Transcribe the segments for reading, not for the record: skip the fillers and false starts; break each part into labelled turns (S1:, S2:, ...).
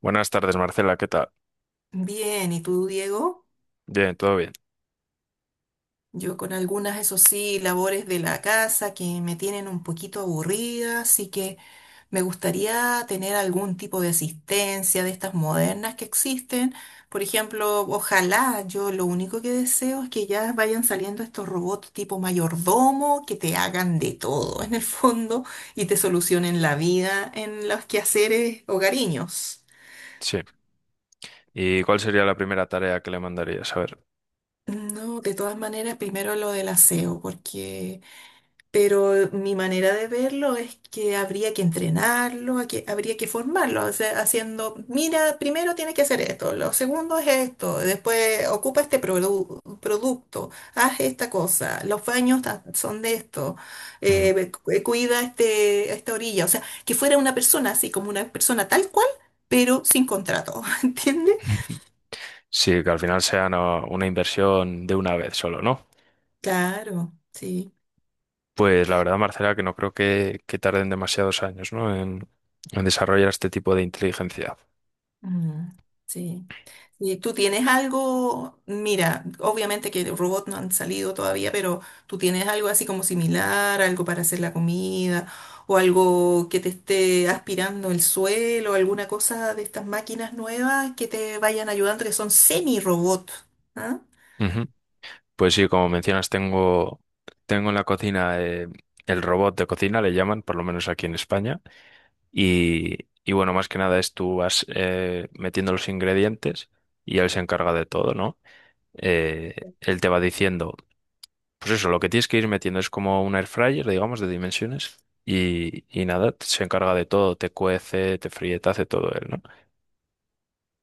S1: Buenas tardes, Marcela, ¿qué tal?
S2: Bien, ¿y tú, Diego?
S1: Bien, todo bien.
S2: Yo con algunas, eso sí, labores de la casa que me tienen un poquito aburrida, así que me gustaría tener algún tipo de asistencia de estas modernas que existen. Por ejemplo, ojalá, yo lo único que deseo es que ya vayan saliendo estos robots tipo mayordomo que te hagan de todo en el fondo y te solucionen la vida en los quehaceres hogareños.
S1: Sí. ¿Y cuál sería la primera tarea que le mandarías? A ver.
S2: No, de todas maneras, primero lo del aseo, porque... Pero mi manera de verlo es que habría que entrenarlo, a que, habría que formarlo, o sea, haciendo, mira, primero tienes que hacer esto, lo segundo es esto, después ocupa producto, haz esta cosa, los son de esto,
S1: Ujú.
S2: cuida este, esta orilla, o sea, que fuera una persona así, como una persona tal cual, pero sin contrato, ¿entiendes?
S1: Sí, que al final sea una inversión de una vez solo, ¿no?
S2: Claro, sí.
S1: Pues la verdad, Marcela, que no creo que tarden demasiados años, ¿no? En desarrollar este tipo de inteligencia.
S2: Mm, sí. ¿Y tú tienes algo? Mira, obviamente que robots no han salido todavía, pero tú tienes algo así como similar, algo para hacer la comida, o algo que te esté aspirando el suelo, alguna cosa de estas máquinas nuevas que te vayan ayudando, que son semi-robots. ¿Ah?
S1: Ujú. Pues sí, como mencionas, tengo en la cocina el robot de cocina, le llaman, por lo menos aquí en España. Y bueno, más que nada es tú vas metiendo los ingredientes y él se encarga de todo, ¿no? eh, Él te va diciendo, pues eso, lo que tienes que ir metiendo es como un air fryer, digamos, de dimensiones. Y nada, se encarga de todo, te cuece, te fríe, te hace todo él, ¿no?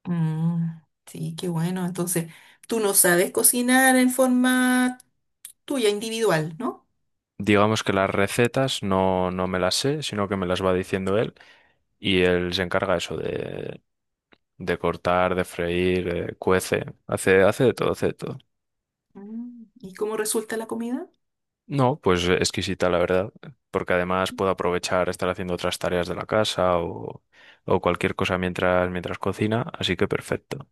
S2: Mm, sí, qué bueno. Entonces, tú no sabes cocinar en forma tuya, individual, ¿no?
S1: Digamos que las recetas no me las sé, sino que me las va diciendo él y él se encarga eso de cortar, de freír, cuece, hace de todo, hace de todo.
S2: Mm, ¿y cómo resulta la comida?
S1: No, pues exquisita la verdad, porque además puedo aprovechar estar haciendo otras tareas de la casa o cualquier cosa mientras cocina, así que perfecto.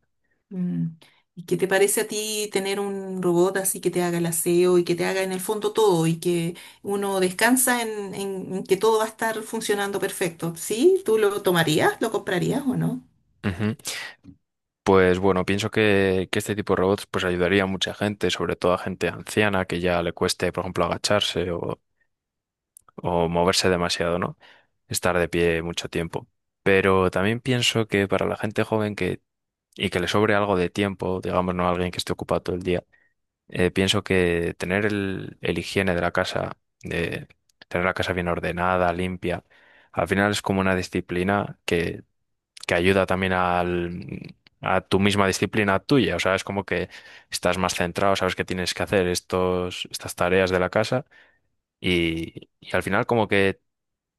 S2: Mm. ¿Y qué te parece a ti tener un robot así que te haga el aseo y que te haga en el fondo todo y que uno descansa en que todo va a estar funcionando perfecto? ¿Sí? ¿Tú lo tomarías? ¿Lo comprarías o no?
S1: Ujú. Pues bueno, pienso que este tipo de robots pues ayudaría a mucha gente, sobre todo a gente anciana que ya le cueste, por ejemplo, agacharse o moverse demasiado, ¿no? Estar de pie mucho tiempo. Pero también pienso que para la gente joven y que le sobre algo de tiempo, digamos, no alguien que esté ocupado todo el día, pienso que tener el higiene de la casa, de tener la casa bien ordenada, limpia, al final es como una disciplina que ayuda también al, a tu misma disciplina tuya. O sea, es como que estás más centrado, sabes que tienes que hacer estas tareas de la casa y al final como que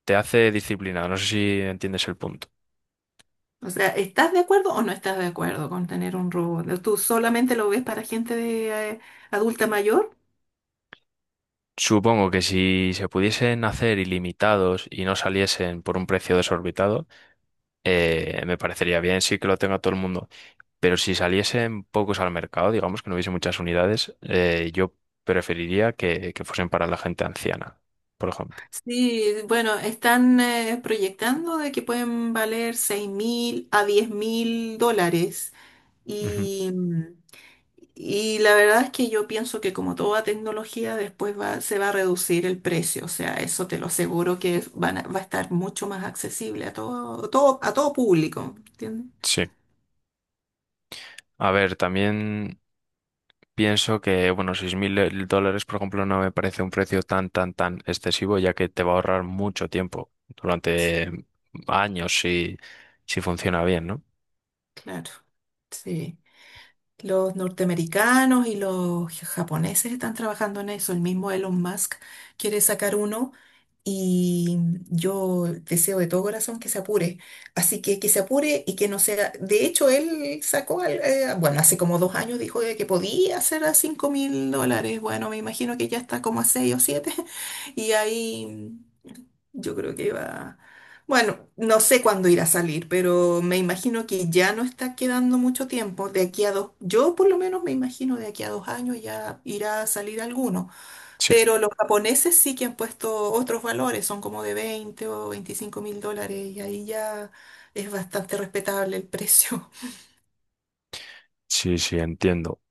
S1: te hace disciplinado. No sé si entiendes el punto.
S2: O sea, ¿estás de acuerdo o no estás de acuerdo con tener un robot? ¿Tú solamente lo ves para gente de, adulta mayor?
S1: Supongo que si se pudiesen hacer ilimitados y no saliesen por un precio desorbitado, me parecería bien, sí que lo tenga todo el mundo. Pero si saliesen pocos al mercado, digamos que no hubiese muchas unidades, yo preferiría que fuesen para la gente anciana, por ejemplo.
S2: Sí, bueno, están proyectando de que pueden valer $6.000 a $10.000.
S1: Ujú.
S2: Y, y la verdad es que yo pienso que como toda tecnología después va, se va a reducir el precio, o sea, eso te lo aseguro que va a estar mucho más accesible a todo, todo, a todo público, ¿entiendes?
S1: Sí. A ver, también pienso que, bueno, 6.000 dólares, por ejemplo, no me parece un precio tan excesivo, ya que te va a ahorrar mucho tiempo durante años si, si funciona bien, ¿no?
S2: Claro, sí. Los norteamericanos y los japoneses están trabajando en eso. El mismo Elon Musk quiere sacar uno y yo deseo de todo corazón que se apure. Así que se apure y que no sea... De hecho, él sacó, bueno, hace como 2 años dijo de que podía hacer a $5.000. Bueno, me imagino que ya está como a 6 o 7 y ahí... Yo creo que va. Bueno, no sé cuándo irá a salir, pero me imagino que ya no está quedando mucho tiempo. De aquí a dos, yo por lo menos me imagino de aquí a 2 años ya irá a salir alguno.
S1: Sí,
S2: Pero los japoneses sí que han puesto otros valores, son como de 20 o $25.000 y ahí ya es bastante respetable el precio.
S1: sí, sí, entiendo.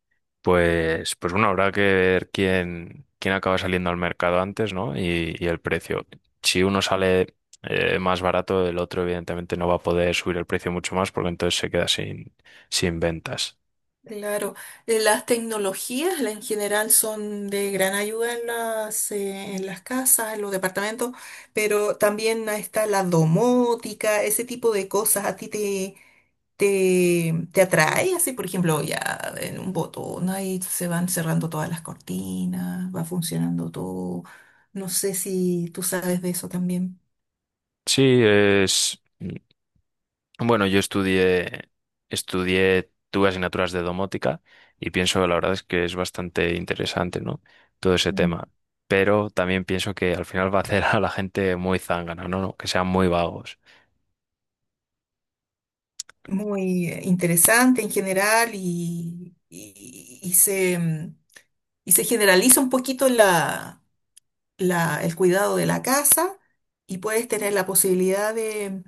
S1: Pues bueno, habrá que ver quién acaba saliendo al mercado antes, ¿no? Y el precio. Si uno sale más barato, el otro evidentemente no va a poder subir el precio mucho más porque entonces se queda sin, sin ventas.
S2: Claro, las tecnologías en general son de gran ayuda en las casas, en los departamentos, pero también ahí está la domótica, ese tipo de cosas. ¿A ti te atrae? Así, por ejemplo, ya en un botón ahí se van cerrando todas las cortinas, va funcionando todo. No sé si tú sabes de eso también.
S1: Sí, es bueno, yo estudié estudié tuve asignaturas de domótica y pienso, la verdad es que es bastante interesante, ¿no? Todo ese
S2: Mm.
S1: tema. Pero también pienso que al final va a hacer a la gente muy zángana, ¿no? No, que sean muy vagos.
S2: Muy interesante en general y se... mm, y se generaliza un poquito el cuidado de la casa y puedes tener la posibilidad de,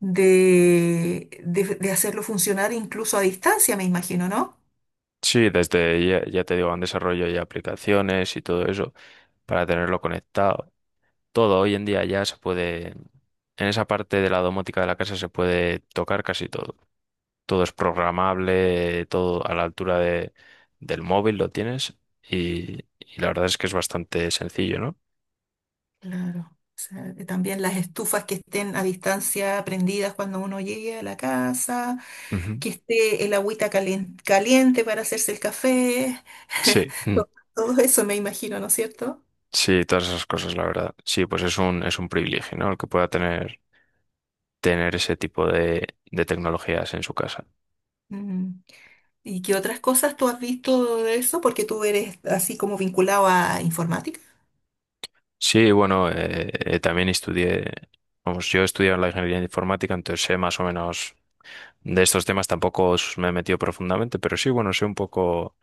S2: de, de- de hacerlo funcionar incluso a distancia, me imagino, ¿no?
S1: Sí, desde ya, ya te digo, han desarrollo y aplicaciones y todo eso para tenerlo conectado. Todo hoy en día ya se puede, en esa parte de la domótica de la casa se puede tocar casi todo. Todo es programable, todo a la altura de, del móvil lo tienes y la verdad es que es bastante sencillo, ¿no?
S2: Claro. O sea, también las estufas que estén a distancia prendidas cuando uno llegue a la casa,
S1: Ujú.
S2: que esté el agüita caliente para hacerse el café,
S1: Sí, mm,
S2: to- todo eso me imagino, ¿no es cierto?
S1: sí, todas esas cosas, la verdad. Sí, pues es un privilegio, ¿no? El que pueda tener, tener ese tipo de tecnologías en su casa.
S2: Mm. ¿Y qué otras cosas tú has visto de eso? Porque tú eres así como vinculado a informática.
S1: Sí, bueno, también estudié, vamos, yo he estudiado la ingeniería informática, entonces sé más o menos de estos temas, tampoco me he metido profundamente, pero sí, bueno, sé un poco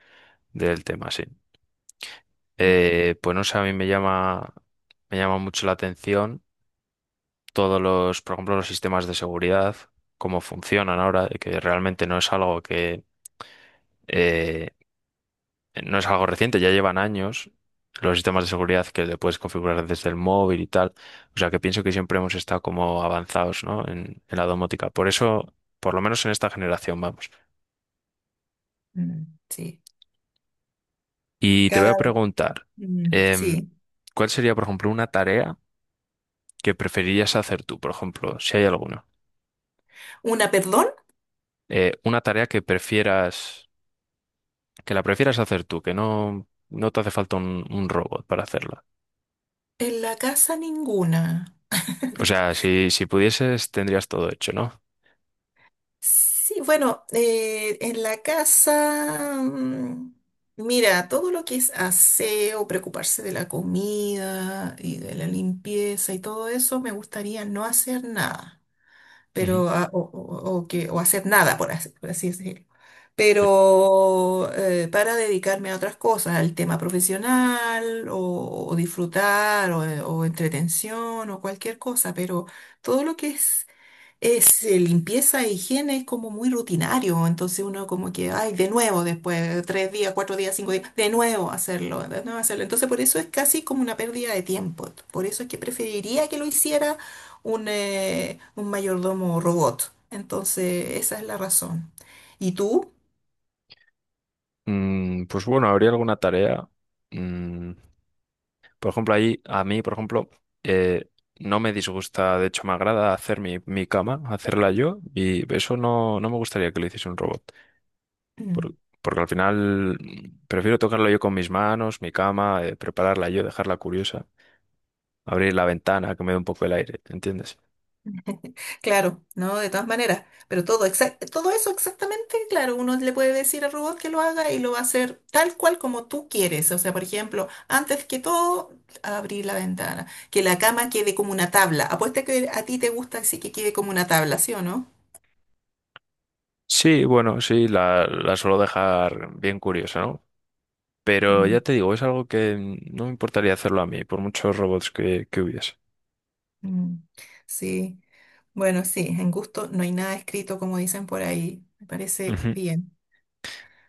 S1: del tema, sí. Pues no sé, a mí me llama mucho la atención por ejemplo, los sistemas de seguridad, cómo funcionan ahora, de que realmente no es algo que, eh, no es algo reciente, ya llevan años los sistemas de seguridad que le puedes configurar desde el móvil y tal. O sea, que pienso que siempre hemos estado como avanzados, ¿no? En la domótica. Por eso, por lo menos en esta generación, vamos.
S2: Mm, sí.
S1: Y te voy a
S2: Cada...
S1: preguntar,
S2: mm,
S1: em,
S2: sí.
S1: ¿cuál sería, por ejemplo, una tarea que preferirías hacer tú, por ejemplo, si hay alguna?
S2: ¿Una, perdón?
S1: Una tarea que prefieras, que la prefieras hacer tú, que no, no te hace falta un robot para hacerla.
S2: En la casa ninguna.
S1: O sea, si, si pudieses, tendrías todo hecho, ¿no?
S2: Sí, bueno, en la casa, mm, mira, todo lo que es aseo, preocuparse de la comida y de la limpieza y todo eso, me gustaría no hacer nada.
S1: Ujú.
S2: Pero, ah, o que, o hacer nada, por así decirlo.
S1: Sí.
S2: Pero para dedicarme a otras cosas, al tema profesional, o disfrutar, o entretención, o cualquier cosa, pero todo lo que es limpieza e higiene es como muy rutinario, entonces uno como que, ay, de nuevo después de 3 días, 4 días, 5 días, de nuevo hacerlo, de nuevo hacerlo. Entonces por eso es casi como una pérdida de tiempo. Por eso es que preferiría que lo hiciera un mayordomo robot. Entonces esa es la razón. ¿Y tú?
S1: Mm, pues bueno, habría alguna tarea. Mm, por ejemplo, ahí, a mí, por ejemplo, eh, no me disgusta, de hecho, me agrada hacer mi, mi cama, hacerla yo, y eso no, no me gustaría que lo hiciese un robot. por- Porque al final mm, prefiero tocarla yo con mis manos, mi cama, prepararla yo, dejarla curiosa. Abrir la ventana, que me dé un poco el aire, ¿entiendes?
S2: Claro, no, de todas maneras, pero todo, todo eso exactamente, claro, uno le puede decir al robot que lo haga y lo va a hacer tal cual como tú quieres. O sea, por ejemplo, antes que todo, abrir la ventana, que la cama quede como una tabla. Apuesta que a ti te gusta así que quede como una tabla, ¿sí o no?
S1: Sí, bueno, sí, la suelo dejar bien curiosa, ¿no? Pero
S2: Mm,
S1: ya te digo, es algo que mm, no me importaría hacerlo a mí, por muchos robots que hubiese.
S2: mm, sí, bueno, sí, en gusto no hay nada escrito como dicen por ahí. Me parece
S1: Ujú,
S2: bien.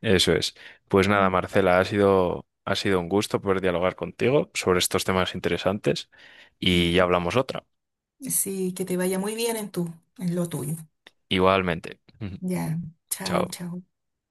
S1: eso es. Pues nada,
S2: Mm,
S1: Marcela, ha sido un gusto poder dialogar contigo sobre estos temas interesantes y ya
S2: ujú.
S1: hablamos otra.
S2: Sí, que te vaya muy bien en tu, en lo tuyo.
S1: Igualmente. Ujú,
S2: Ya, chao,
S1: chao.
S2: chao.